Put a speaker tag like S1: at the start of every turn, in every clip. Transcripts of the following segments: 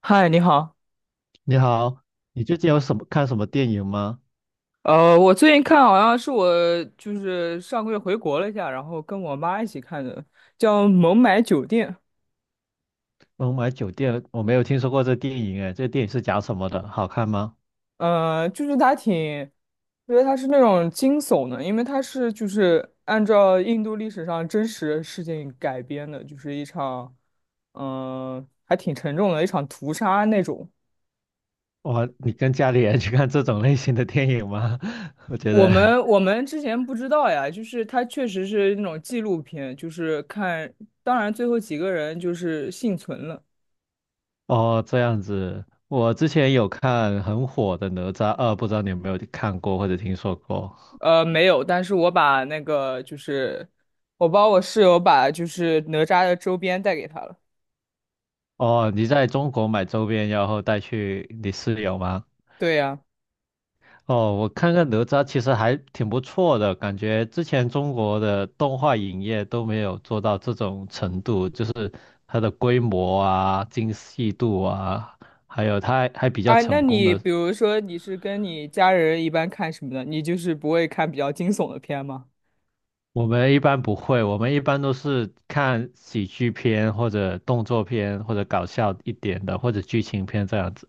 S1: 嗨，你好。
S2: 你好，你最近有什么看什么电影吗？
S1: 我最近看好像是我就是上个月回国了一下，然后跟我妈一起看的，叫《孟买酒店》。
S2: 孟买酒店，我没有听说过这电影哎，这电影是讲什么的？好看吗？
S1: 就是它挺，因为它是那种惊悚的，因为它是就是按照印度历史上真实事件改编的，就是一场，还挺沉重的一场屠杀那种。
S2: 哇，你跟家里人去看这种类型的电影吗？我觉
S1: 我
S2: 得，
S1: 们我们之前不知道呀，就是它确实是那种纪录片，就是看，当然最后几个人就是幸存了。
S2: 哦，这样子，我之前有看很火的《哪吒二》，不知道你有没有看过或者听说过？
S1: 没有，但是我把那个就是，我帮我室友把就是哪吒的周边带给他了。
S2: 哦，你在中国买周边，然后带去你室友吗？
S1: 对呀，
S2: 哦，我看看哪吒其实还挺不错的，感觉之前中国的动画影业都没有做到这种程度，就是它的规模啊、精细度啊，还有它还比较
S1: 啊，那
S2: 成功
S1: 你
S2: 的。
S1: 比如说你是跟你家人一般看什么的？你就是不会看比较惊悚的片吗？
S2: 我们一般不会，我们一般都是看喜剧片或者动作片或者搞笑一点的或者剧情片这样子，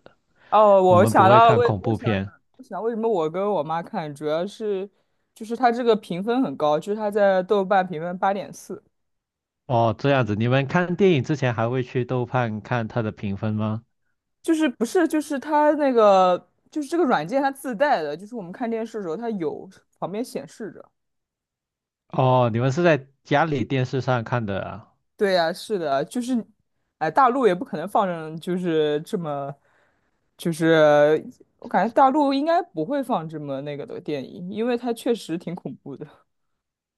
S1: 哦，
S2: 我
S1: 我
S2: 们不
S1: 想
S2: 会
S1: 到了，
S2: 看恐怖片。
S1: 为什么我跟我妈看，主要是就是它这个评分很高，就是它在豆瓣评分8.4，
S2: 哦，这样子，你们看电影之前还会去豆瓣看它的评分吗？
S1: 就是不是就是它那个就是这个软件它自带的，就是我们看电视的时候它有旁边显示着。
S2: 哦，你们是在家里电视上看的啊？
S1: 对呀，是的，就是，哎，大陆也不可能放上，就是这么，就是我感觉大陆应该不会放这么那个的电影，因为它确实挺恐怖的。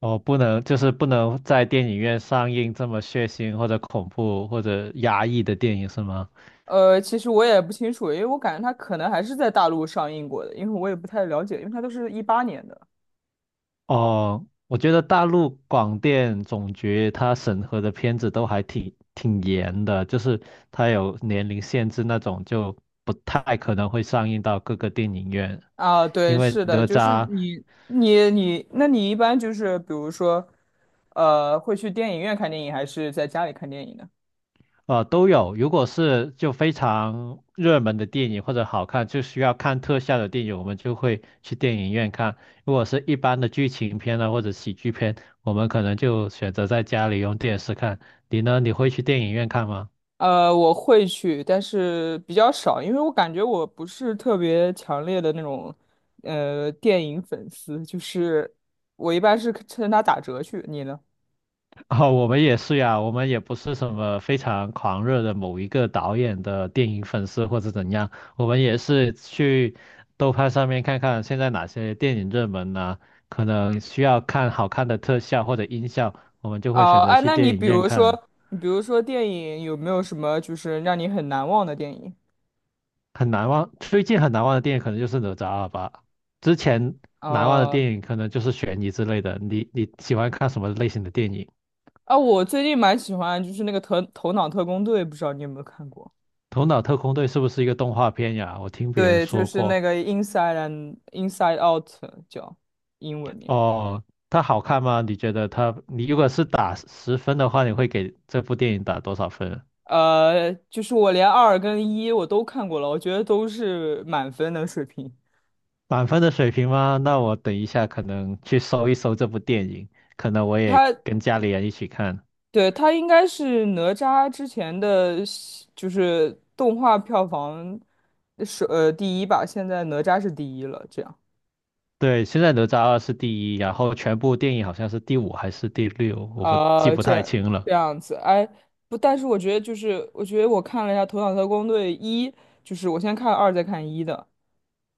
S2: 哦，不能，就是不能在电影院上映这么血腥或者恐怖或者压抑的电影是吗？
S1: 其实我也不清楚，因为我感觉它可能还是在大陆上映过的，因为我也不太了解，因为它都是18年的。
S2: 哦，我觉得大陆广电总局它审核的片子都还挺挺严的，就是它有年龄限制那种，就不太可能会上映到各个电影院，
S1: 啊，对，
S2: 因为
S1: 是的，
S2: 哪
S1: 就是
S2: 吒。
S1: 你，那你一般就是比如说，会去电影院看电影，还是在家里看电影呢？
S2: 都有。如果是就非常热门的电影或者好看，就需要看特效的电影，我们就会去电影院看。如果是一般的剧情片呢，或者喜剧片，我们可能就选择在家里用电视看。你呢？你会去电影院看吗？
S1: 我会去，但是比较少，因为我感觉我不是特别强烈的那种，电影粉丝，就是我一般是趁它打折去。你呢？
S2: 哦，我们也是呀，我们也不是什么非常狂热的某一个导演的电影粉丝或者怎样，我们也是去豆瓣上面看看现在哪些电影热门呢、可能需要看好看的特效或者音效，我们就会选
S1: 啊，
S2: 择
S1: 哎，
S2: 去
S1: 那你
S2: 电影
S1: 比
S2: 院
S1: 如
S2: 看。
S1: 说，你比如说电影有没有什么就是让你很难忘的电影？
S2: 很难忘，最近很难忘的电影可能就是《哪吒二》吧，之前难忘的
S1: 呃，
S2: 电影可能就是悬疑之类的。你喜欢看什么类型的电影？
S1: 啊，我最近蛮喜欢就是那个《头脑特工队》，不知道你有没有看过？
S2: 《头脑特工队》是不是一个动画片呀？我听别人
S1: 对，就
S2: 说
S1: 是那
S2: 过。
S1: 个 Inside and Inside Out 叫英文名。
S2: 哦，它好看吗？你觉得它，你如果是打十分的话，你会给这部电影打多少分？
S1: 就是我连二跟一我都看过了，我觉得都是满分的水平。
S2: 满分的水平吗？那我等一下可能去搜一搜这部电影，可能我也
S1: 他，
S2: 跟家里人一起看。
S1: 对，他应该是哪吒之前的，就是动画票房是第一吧，现在哪吒是第一了，这样。
S2: 对，现在哪吒二是第一，然后全部电影好像是第五还是第六，我
S1: 啊，
S2: 不
S1: 这
S2: 太
S1: 样
S2: 清
S1: 这
S2: 了。
S1: 样子，哎，不，但是我觉得就是，我觉得我看了一下《头脑特工队一》，就是我先看二再看一的，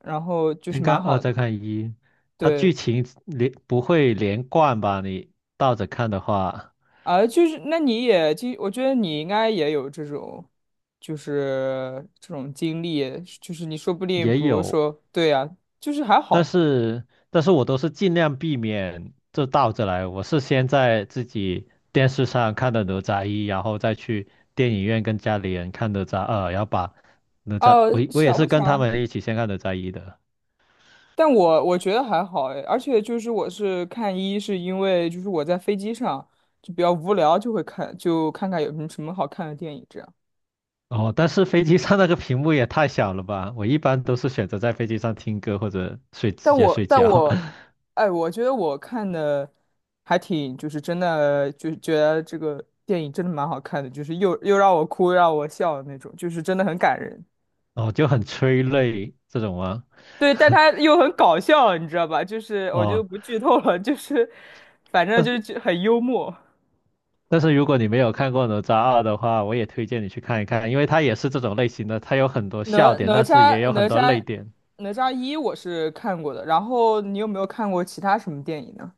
S1: 然后就
S2: 先
S1: 是
S2: 看
S1: 蛮
S2: 二，
S1: 好的，
S2: 再看一，它剧
S1: 对。
S2: 情不会连贯吧？你倒着看的话，
S1: 啊，就是那你也经，就我觉得你应该也有这种，就是这种经历，就是你说不定，比
S2: 也
S1: 如
S2: 有。
S1: 说，对呀、就是还
S2: 但
S1: 好。
S2: 是但是我都是尽量避免这倒着来，我是先在自己电视上看的《哪吒一》，然后再去电影院跟家里人看《哪吒二》，然后把哪吒，我
S1: 哦、
S2: 我也
S1: 想不
S2: 是跟他
S1: 想？
S2: 们一起先看《哪吒一》的。
S1: 但我觉得还好哎，而且就是我是看一是因为就是我在飞机上就比较无聊，就会看就看看有什么什么好看的电影这样。
S2: 哦，但是飞机上那个屏幕也太小了吧！我一般都是选择在飞机上听歌或者睡，直
S1: 但
S2: 接
S1: 我
S2: 睡
S1: 但
S2: 觉，
S1: 我，哎，我觉得我看的还挺，就是真的，就是觉得这个电影真的蛮好看的，就是又让我哭，又让我笑的那种，就是真的很感人。
S2: 哦，就很催泪这种啊。
S1: 对，但 他又很搞笑，你知道吧？就是我就
S2: 哦，
S1: 不剧透了，就是反正就是很幽默。
S2: 但是如果你没有看过《哪吒二》的话，我也推荐你去看一看，因为它也是这种类型的，它有很多笑
S1: 哪
S2: 点，
S1: 哪
S2: 但是也
S1: 吒
S2: 有很
S1: 哪
S2: 多泪
S1: 吒
S2: 点。
S1: 哪吒一我是看过的，然后你有没有看过其他什么电影呢？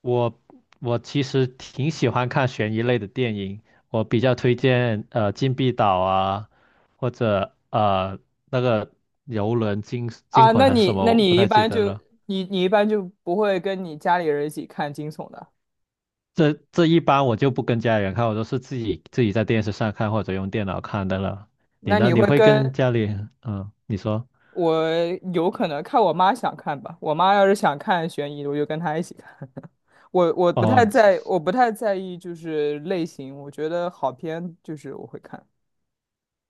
S2: 我我其实挺喜欢看悬疑类的电影，我比较推荐《禁闭岛》啊，或者那个游轮惊
S1: 啊，
S2: 魂
S1: 那
S2: 还是什
S1: 你
S2: 么，
S1: 那
S2: 我不
S1: 你一
S2: 太记
S1: 般
S2: 得
S1: 就
S2: 了。
S1: 你你一般就不会跟你家里人一起看惊悚的？
S2: 这一般我就不跟家里人看，我都是自己在电视上看或者用电脑看的了。你
S1: 那
S2: 呢？
S1: 你
S2: 你
S1: 会
S2: 会跟
S1: 跟
S2: 家里你说
S1: 我有可能看我妈想看吧？我妈要是想看悬疑的，我就跟她一起看。
S2: 哦，
S1: 我不太在意就是类型，我觉得好片就是我会看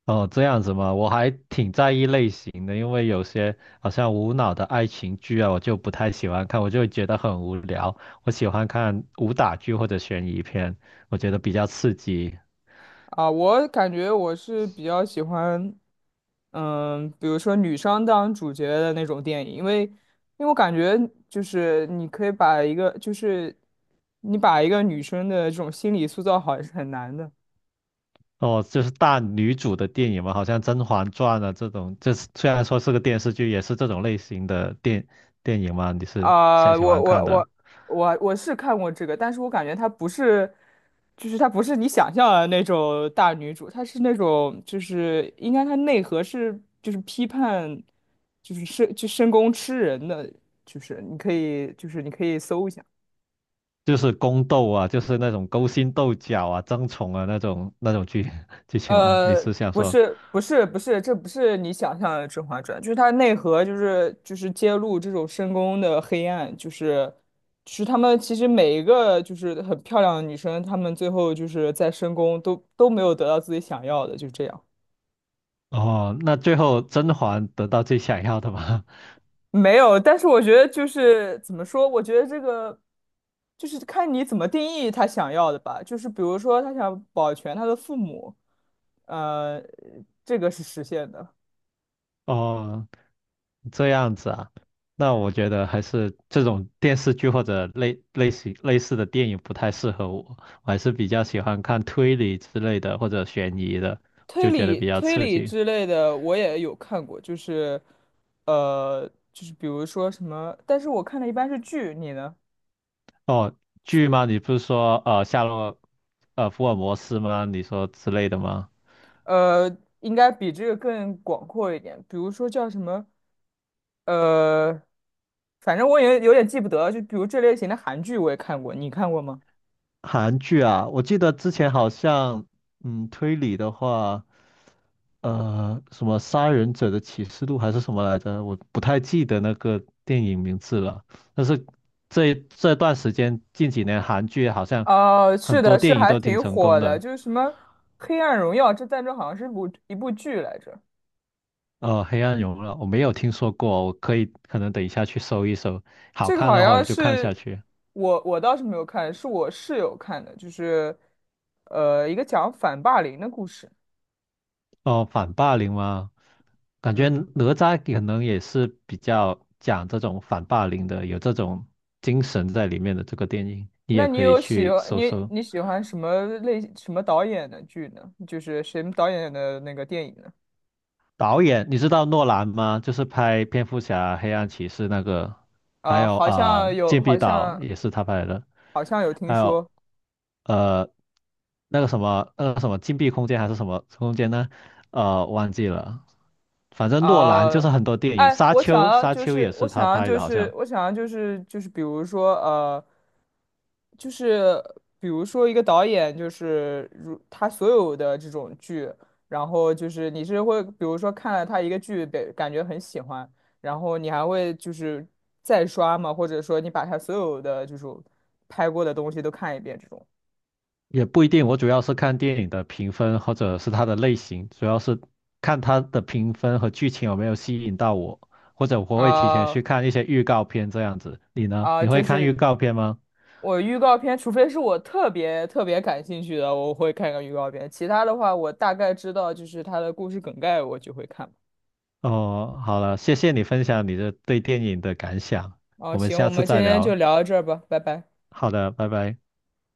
S2: 哦，这样子嘛，我还挺在意类型的，因为有些好像无脑的爱情剧啊，我就不太喜欢看，我就会觉得很无聊。我喜欢看武打剧或者悬疑片，我觉得比较刺激。
S1: 啊。我感觉我是比较喜欢，比如说女生当主角的那种电影，因为我感觉就是你把一个女生的这种心理塑造好也是很难的。
S2: 哦，就是大女主的电影嘛，好像《甄嬛传》啊这种，就是虽然说是个电视剧，也是这种类型的电影嘛，你是想
S1: 啊、我
S2: 喜欢看
S1: 我
S2: 的，
S1: 我我我是看过这个，但是我感觉她不是，就是她不是你想象的那种大女主，她是那种就是应该她内核是就是批判，就是深宫吃人的，就是你可以搜一下。
S2: 就是宫斗啊，就是那种勾心斗角啊、争宠啊那种剧 剧情嘛，啊你
S1: 呃，
S2: 是想
S1: 不
S2: 说？
S1: 是，不是，不是，这不是你想象的《甄嬛传》，就是它内核就是揭露这种深宫的黑暗，就是他们其实每一个就是很漂亮的女生，她们最后就是在深宫都没有得到自己想要的，就这样。
S2: 哦，那最后甄嬛得到最想要的吗？
S1: 没有，但是我觉得就是怎么说，我觉得这个就是看你怎么定义他想要的吧，就是比如说他想保全他的父母，呃，这个是实现的。
S2: 哦，这样子啊，那我觉得还是这种电视剧或者类似的电影不太适合我，我还是比较喜欢看推理之类的或者悬疑的，
S1: 推
S2: 就觉得
S1: 理
S2: 比较
S1: 推
S2: 刺
S1: 理
S2: 激。
S1: 之类的，我也有看过，就是，就是比如说什么，但是我看的一般是剧，你呢？
S2: 哦，剧吗？你不是说福尔摩斯吗？你说之类的吗？
S1: 应该比这个更广阔一点，比如说叫什么，呃，反正我也有点记不得了就比如这类型的韩剧我也看过，你看过吗？
S2: 韩剧啊，我记得之前好像，推理的话，什么《杀人者的启示录》还是什么来着，我不太记得那个电影名字了。但是这段时间近几年韩剧好像
S1: 哦，是
S2: 很多
S1: 的，是
S2: 电影
S1: 还
S2: 都挺
S1: 挺
S2: 成功
S1: 火的，
S2: 的。
S1: 就是什么《黑暗荣耀》，这在这好像是一部剧来着。
S2: 《黑暗荣耀》我没有听说过，我可能等一下去搜一搜，好
S1: 这个
S2: 看
S1: 好
S2: 的话
S1: 像
S2: 我就看下
S1: 是
S2: 去。
S1: 我倒是没有看，是我室友看的，就是一个讲反霸凌的故事。
S2: 哦，反霸凌吗？感觉
S1: 嗯，
S2: 哪吒可能也是比较讲这种反霸凌的，有这种精神在里面的这个电影，你
S1: 那
S2: 也
S1: 你
S2: 可以
S1: 有喜
S2: 去
S1: 欢
S2: 搜
S1: 你
S2: 搜。
S1: 你喜欢什么导演的剧呢？就是谁导演的那个电影呢？
S2: 导演，你知道诺兰吗？就是拍蝙蝠侠、黑暗骑士那个，还
S1: 啊、
S2: 有
S1: 好
S2: 啊、
S1: 像有，
S2: 禁
S1: 好
S2: 闭岛
S1: 像
S2: 也是他拍的，
S1: 好像有听
S2: 还有
S1: 说。
S2: 呃那个什么禁闭空间还是什么空间呢？忘记了。反正诺兰
S1: 啊，
S2: 就是很多电影，
S1: 哎，
S2: 《沙
S1: 我想
S2: 丘》
S1: 要
S2: 《沙
S1: 就
S2: 丘》
S1: 是
S2: 也
S1: 我
S2: 是
S1: 想
S2: 他
S1: 要
S2: 拍
S1: 就
S2: 的，好
S1: 是
S2: 像。
S1: 我想要就是比如说。就是比如说一个导演，就是如他所有的这种剧，然后就是你是会，比如说看了他一个剧，被感觉很喜欢，然后你还会就是再刷吗？或者说你把他所有的就是拍过的东西都看一遍这种？
S2: 也不一定，我主要是看电影的评分或者是它的类型，主要是看它的评分和剧情有没有吸引到我，或者我会提前
S1: 啊
S2: 去看一些预告片这样子。你呢？
S1: 啊，
S2: 你
S1: 就
S2: 会看预
S1: 是。
S2: 告片吗？
S1: 我预告片，除非是我特别特别感兴趣的，我会看个预告片。其他的话，我大概知道就是它的故事梗概，我就会看吧。
S2: 哦，好了，谢谢你分享你的对电影的感想，
S1: 哦，
S2: 我们
S1: 行，我
S2: 下次
S1: 们今
S2: 再
S1: 天就
S2: 聊。
S1: 聊到这儿吧，拜拜。
S2: 好的，拜拜。